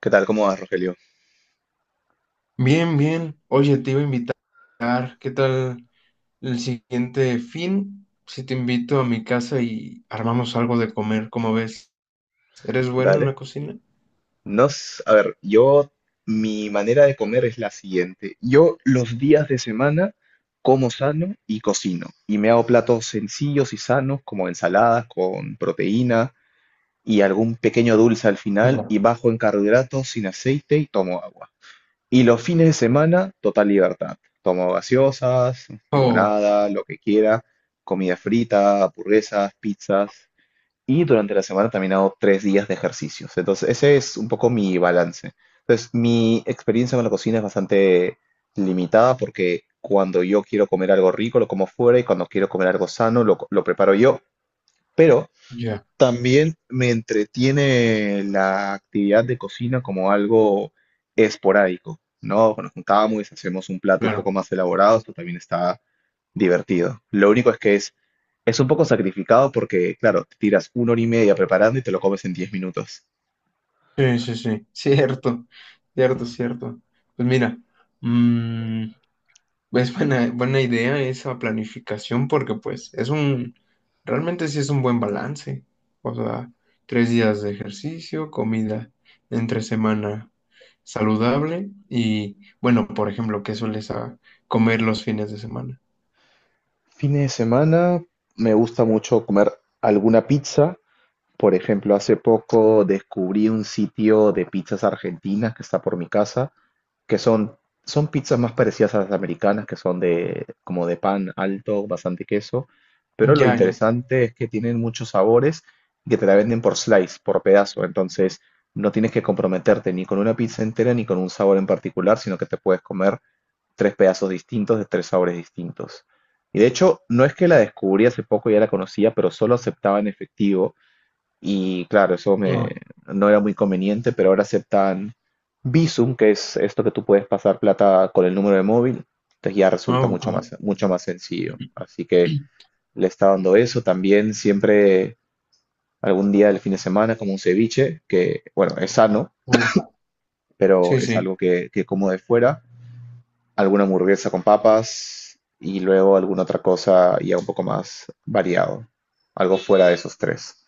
¿Qué tal? ¿Cómo vas, Rogelio? Bien, bien. Oye, te iba a invitar. ¿Qué tal el siguiente fin? Si te invito a mi casa y armamos algo de comer, ¿cómo ves? ¿Eres bueno en la Dale. cocina? A ver, yo, mi manera de comer es la siguiente. Yo los días de semana como sano y cocino. Y me hago platos sencillos y sanos, como ensaladas con proteína y algún pequeño dulce al final, Ya. y bajo en carbohidratos, sin aceite y tomo agua. Y los fines de semana, total libertad. Tomo gaseosas, Oh, limonada, lo que quiera, comida frita, hamburguesas, pizzas. Y durante la semana también hago 3 días de ejercicios. Entonces, ese es un poco mi balance. Entonces, mi experiencia con la cocina es bastante limitada porque cuando yo quiero comer algo rico lo como fuera y cuando quiero comer algo sano lo preparo yo. Pero ya, también me entretiene la actividad de cocina como algo esporádico, ¿no? Nos juntamos, hacemos un plato un poco claro. más elaborado, esto también está divertido. Lo único es que es un poco sacrificado porque, claro, te tiras una hora y media preparando y te lo comes en 10 minutos. Sí, sí, sí. Cierto, cierto, cierto. Pues mira, mm, es buena idea esa planificación porque pues realmente sí es un buen balance. O sea, 3 días de ejercicio, comida entre semana saludable y bueno, por ejemplo, ¿qué sueles comer los fines de semana? Fines de semana me gusta mucho comer alguna pizza. Por ejemplo, hace poco descubrí un sitio de pizzas argentinas que está por mi casa que son pizzas más parecidas a las americanas, que son de, como de pan alto, bastante queso, pero lo Ya, ya. interesante es que tienen muchos sabores y que te la venden por slice, por pedazo, entonces no tienes que comprometerte ni con una pizza entera ni con un sabor en particular, sino que te puedes comer tres pedazos distintos de tres sabores distintos. Y de hecho, no es que la descubrí hace poco, ya la conocía, pero solo aceptaba en efectivo. Y claro, eso me, Ah, no era muy conveniente, pero ahora aceptan Bizum, que es esto que tú puedes pasar plata con el número de móvil. Entonces ya resulta ok. Mucho más sencillo. Así que le está dando eso. También siempre algún día del fin de semana, como un ceviche, que bueno, es sano, Uf, pero sí, es sí. algo que como de fuera. Alguna hamburguesa con papas y luego alguna otra cosa ya un poco más variado. Algo fuera de esos tres.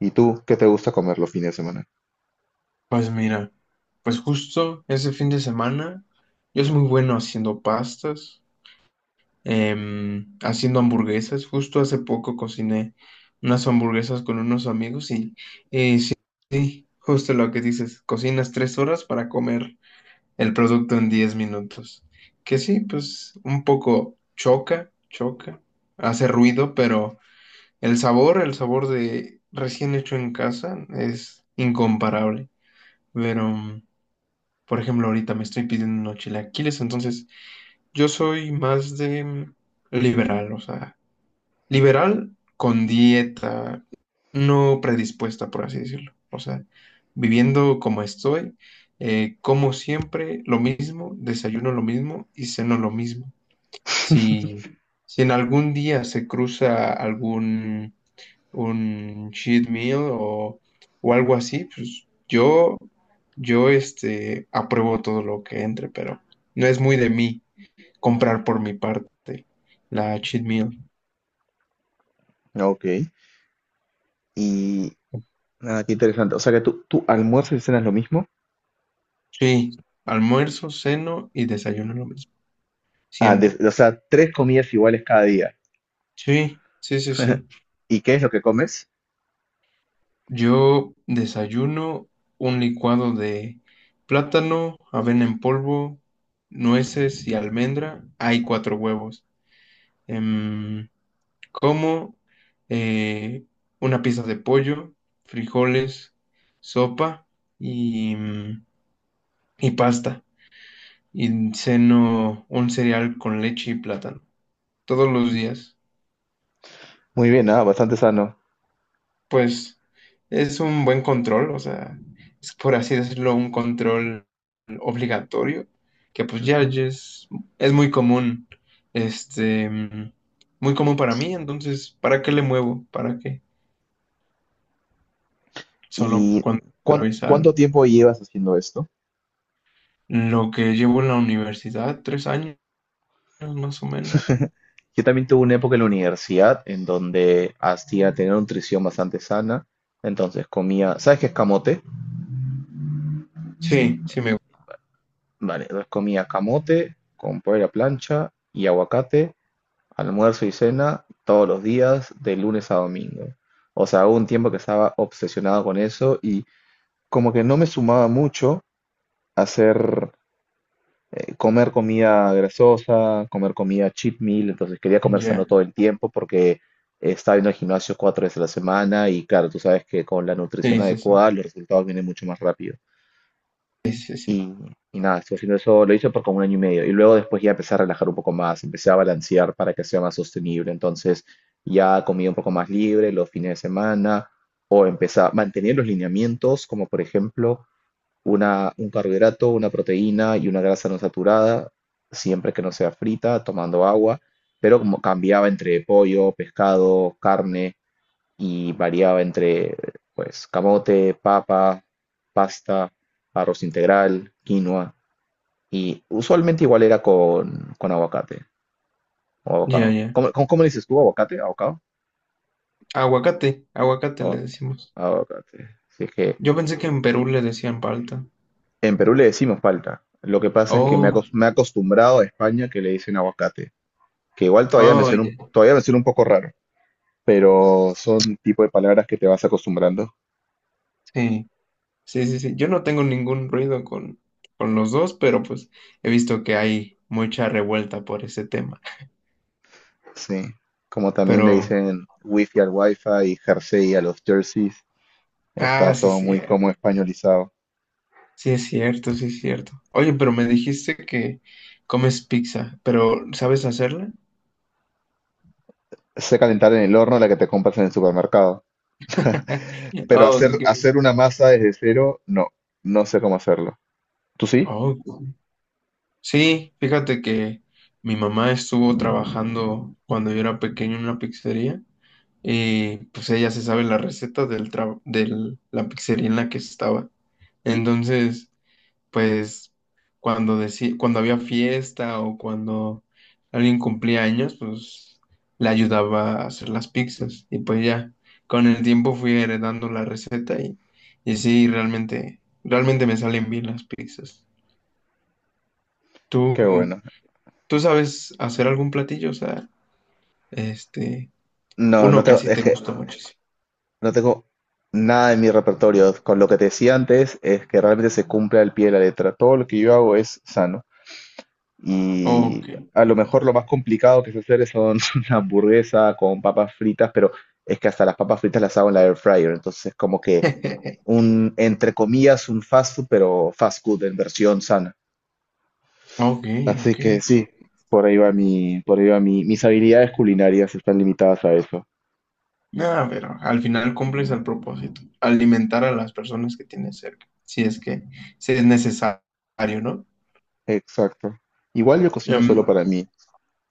¿Y tú qué te gusta comer los fines de semana? Pues mira, pues justo ese fin de semana yo soy muy bueno haciendo pastas. Haciendo hamburguesas. Justo hace poco cociné unas hamburguesas con unos amigos y sí, justo lo que dices, cocinas tres horas para comer el producto en 10 minutos. Que sí, pues un poco hace ruido, pero el sabor de recién hecho en casa es incomparable. Pero, por ejemplo, ahorita me estoy pidiendo unos chilaquiles, entonces yo soy más de liberal, o sea, liberal con dieta no predispuesta, por así decirlo. O sea, viviendo como estoy, como siempre lo mismo, desayuno lo mismo y ceno lo mismo. Si, si en algún día se cruza algún un cheat meal o algo así, yo apruebo todo lo que entre, pero no es muy de mí comprar por mi parte la cheat meal. Ok. Y nada, qué interesante. O sea que tú almuerzas y cenas lo mismo. Sí, almuerzo, ceno y desayuno lo mismo, Ah, siempre. O sea, tres comidas iguales cada día. Sí, sí, sí, sí. ¿Y qué es lo que comes? Yo desayuno un licuado de plátano, avena en polvo, nueces y almendra. Hay 4 huevos. Em, Como eh, una pieza de pollo, frijoles, sopa y, mm, y pasta. Y ceno un cereal con leche y plátano todos los días. Muy bien, bastante sano. Pues es un buen control, o sea, es por así decirlo, un control obligatorio, que pues ya Ujú. ya es muy común, este, mm, muy común para mí, entonces, ¿para qué le muevo? ¿Para qué? Solo ¿Y cuando atraviesa cuánto algo. tiempo llevas haciendo esto? Lo que llevo en la universidad, 3 años más o menos. Yo también tuve una época en la universidad en donde hacía tener una nutrición bastante sana. Entonces comía, ¿sabes qué es camote? Sí, sí me gusta. Vale, entonces comía camote con pollo a la plancha y aguacate. Almuerzo y cena todos los días, de lunes a domingo. O sea, hubo un tiempo que estaba obsesionado con eso y como que no me sumaba mucho hacer comer comida grasosa, comer comida cheat meal, entonces quería comer sano Ya, todo el tiempo porque estaba yendo al gimnasio 4 veces a la semana y claro, tú sabes que con la nutrición sí, sí, sí, adecuada los resultados vienen mucho más rápido. sí, sí, sí. Y, y nada, estuve haciendo eso, lo hice por como un año y medio. Y luego después ya empecé a relajar un poco más, empecé a balancear para que sea más sostenible. Entonces ya comía un poco más libre los fines de semana, empecé a mantener los lineamientos, como por ejemplo una, un carbohidrato, una proteína y una grasa no saturada, siempre que no sea frita, tomando agua. Pero como cambiaba entre pollo, pescado, carne y variaba entre pues camote, papa, pasta, arroz integral, quinoa. Y usualmente igual era con aguacate o Ya, abocado. ya. ¿Cómo le dices tú? ¿Aguacate? ¿Abocado? Aguacate, aguacate le Abo- decimos. Aguacate. Si es que Yo pensé que en Perú le decían palta. en Perú le decimos palta. Lo que pasa es que Oh. Me he acostumbrado a España que le dicen aguacate, que igual todavía me suena un, Oye, todavía me suena un poco raro, pero son tipo de palabras que te vas acostumbrando. sí, sí, sí, sí. Yo no tengo ningún ruido con los dos, pero pues he visto que hay mucha revuelta por ese tema. Sí. Como también le Pero, dicen wifi al wifi y jersey a los jerseys. ah, Está sí, todo sí, muy como españolizado. sí es cierto, sí es cierto. Oye, pero me dijiste que comes pizza, pero ¿sabes hacerla? Sé calentar en el horno la que te compras en el supermercado. Pero hacer, Ok. hacer una masa desde cero, no, no sé cómo hacerlo. ¿Tú sí? Ok. Sí, fíjate que mi mamá estuvo trabajando cuando yo era pequeño en una pizzería y pues ella se sabe la receta del tra de la pizzería en la que estaba. Entonces, pues cuando había fiesta o cuando alguien cumplía años, pues le ayudaba a hacer las pizzas y pues ya con el tiempo fui heredando la receta y sí, realmente, realmente me salen bien las pizzas. ¿Tú? Qué bueno. ¿Tú sabes hacer algún platillo? O sea, este, No, no uno que tengo, así es te que gusta muchísimo. no tengo nada en mi repertorio. Con lo que te decía antes, es que realmente se cumple al pie de la letra. Todo lo que yo hago es sano. Y Ok. a lo mejor lo más complicado que sé hacer son una hamburguesa con papas fritas, pero es que hasta las papas fritas las hago en la air fryer. Entonces, como que un, entre comillas, un fast food, pero fast food en versión sana. Ok, Así ok. que sí, por ahí va mi, por ahí va mi, mis habilidades culinarias están limitadas a eso. Nada, pero al final cumples el propósito, alimentar a las personas que tienes cerca, si es que si es necesario, ¿no? Exacto. Igual yo cocino Em, solo para mí,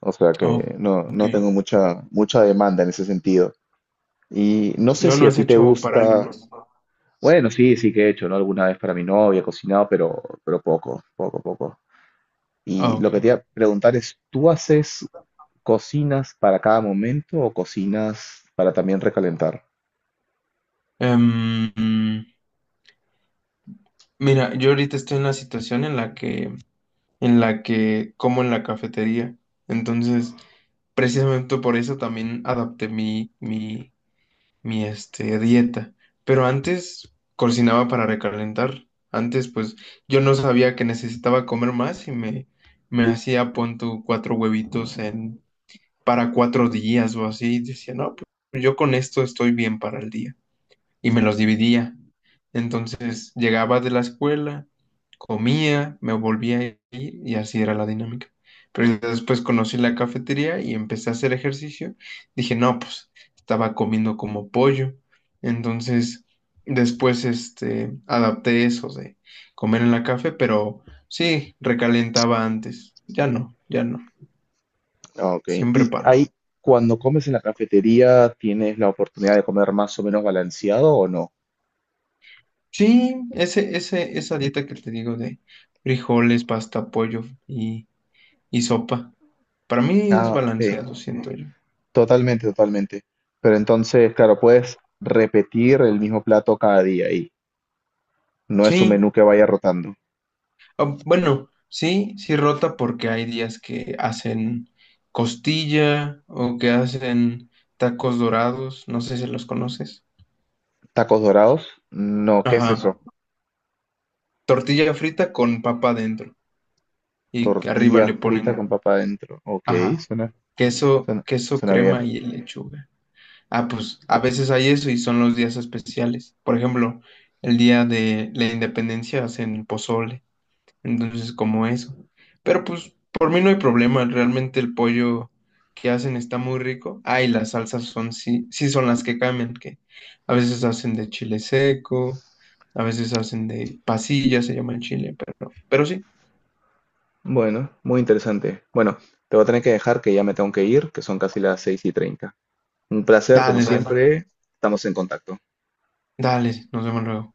o sea oh, que no, ok. no tengo mucha, mucha demanda en ese sentido. Y no sé No, si no a es ti te hecho para alguien gusta, más. bueno, sí, sí que he hecho, ¿no? Alguna vez para mi novia he cocinado, pero poco, poco, poco. Ah, Y lo ok. que te iba a preguntar es, ¿tú haces cocinas para cada momento o cocinas para también recalentar? Em, mm, Mira, yo ahorita estoy en la situación en en la que como en la cafetería. Entonces, precisamente por eso también adapté mi dieta. Pero antes cocinaba para recalentar. Antes, pues, yo no sabía que necesitaba comer más me hacía, pon tú, 4 huevitos para 4 días o así. Y decía, no, pues yo con esto estoy bien para el día y me los dividía. Entonces llegaba de la escuela, comía, me volvía a ir y así era la dinámica. Pero ya después conocí la cafetería y empecé a hacer ejercicio. Dije, no, pues estaba comiendo como pollo. Entonces después adapté eso de comer en la café, pero sí, recalentaba antes. Ya no, ya no. Ah, ok, Siempre y para. ahí cuando comes en la cafetería, ¿tienes la oportunidad de comer más o menos balanceado o no? Sí, esa dieta que te digo de frijoles, pasta, pollo y sopa. Para mí es Ah, ok, balanceado, siento yo. totalmente, totalmente. Pero entonces, claro, puedes repetir el mismo plato cada día y no es un Sí, menú que vaya rotando. ah, bueno, sí, sí rota porque hay días que hacen costilla o que hacen tacos dorados, no sé si los conoces. ¿Tacos dorados? No, ¿qué es eso? Ajá, tortilla frita con papa adentro y que arriba le Tortilla frita con ponen, papa adentro. Ok, ajá, suena, queso, suena, queso suena crema bien. y lechuga. Ah, pues a veces hay eso y son los días especiales. Por ejemplo, el día de la independencia hacen pozole. Entonces, como eso. Pero pues por mí no hay problema, realmente el pollo que hacen está muy rico. Ah, y las salsas son, sí, sí son las que cambian, que a veces hacen de chile seco, a veces hacen de pasilla, se llama en Chile, pero sí. Bueno, muy interesante. Bueno, te voy a tener que dejar que ya me tengo que ir, que son casi las 6:30. Un placer, como Dale, dale, siempre, estamos en contacto. dale, nos vemos luego.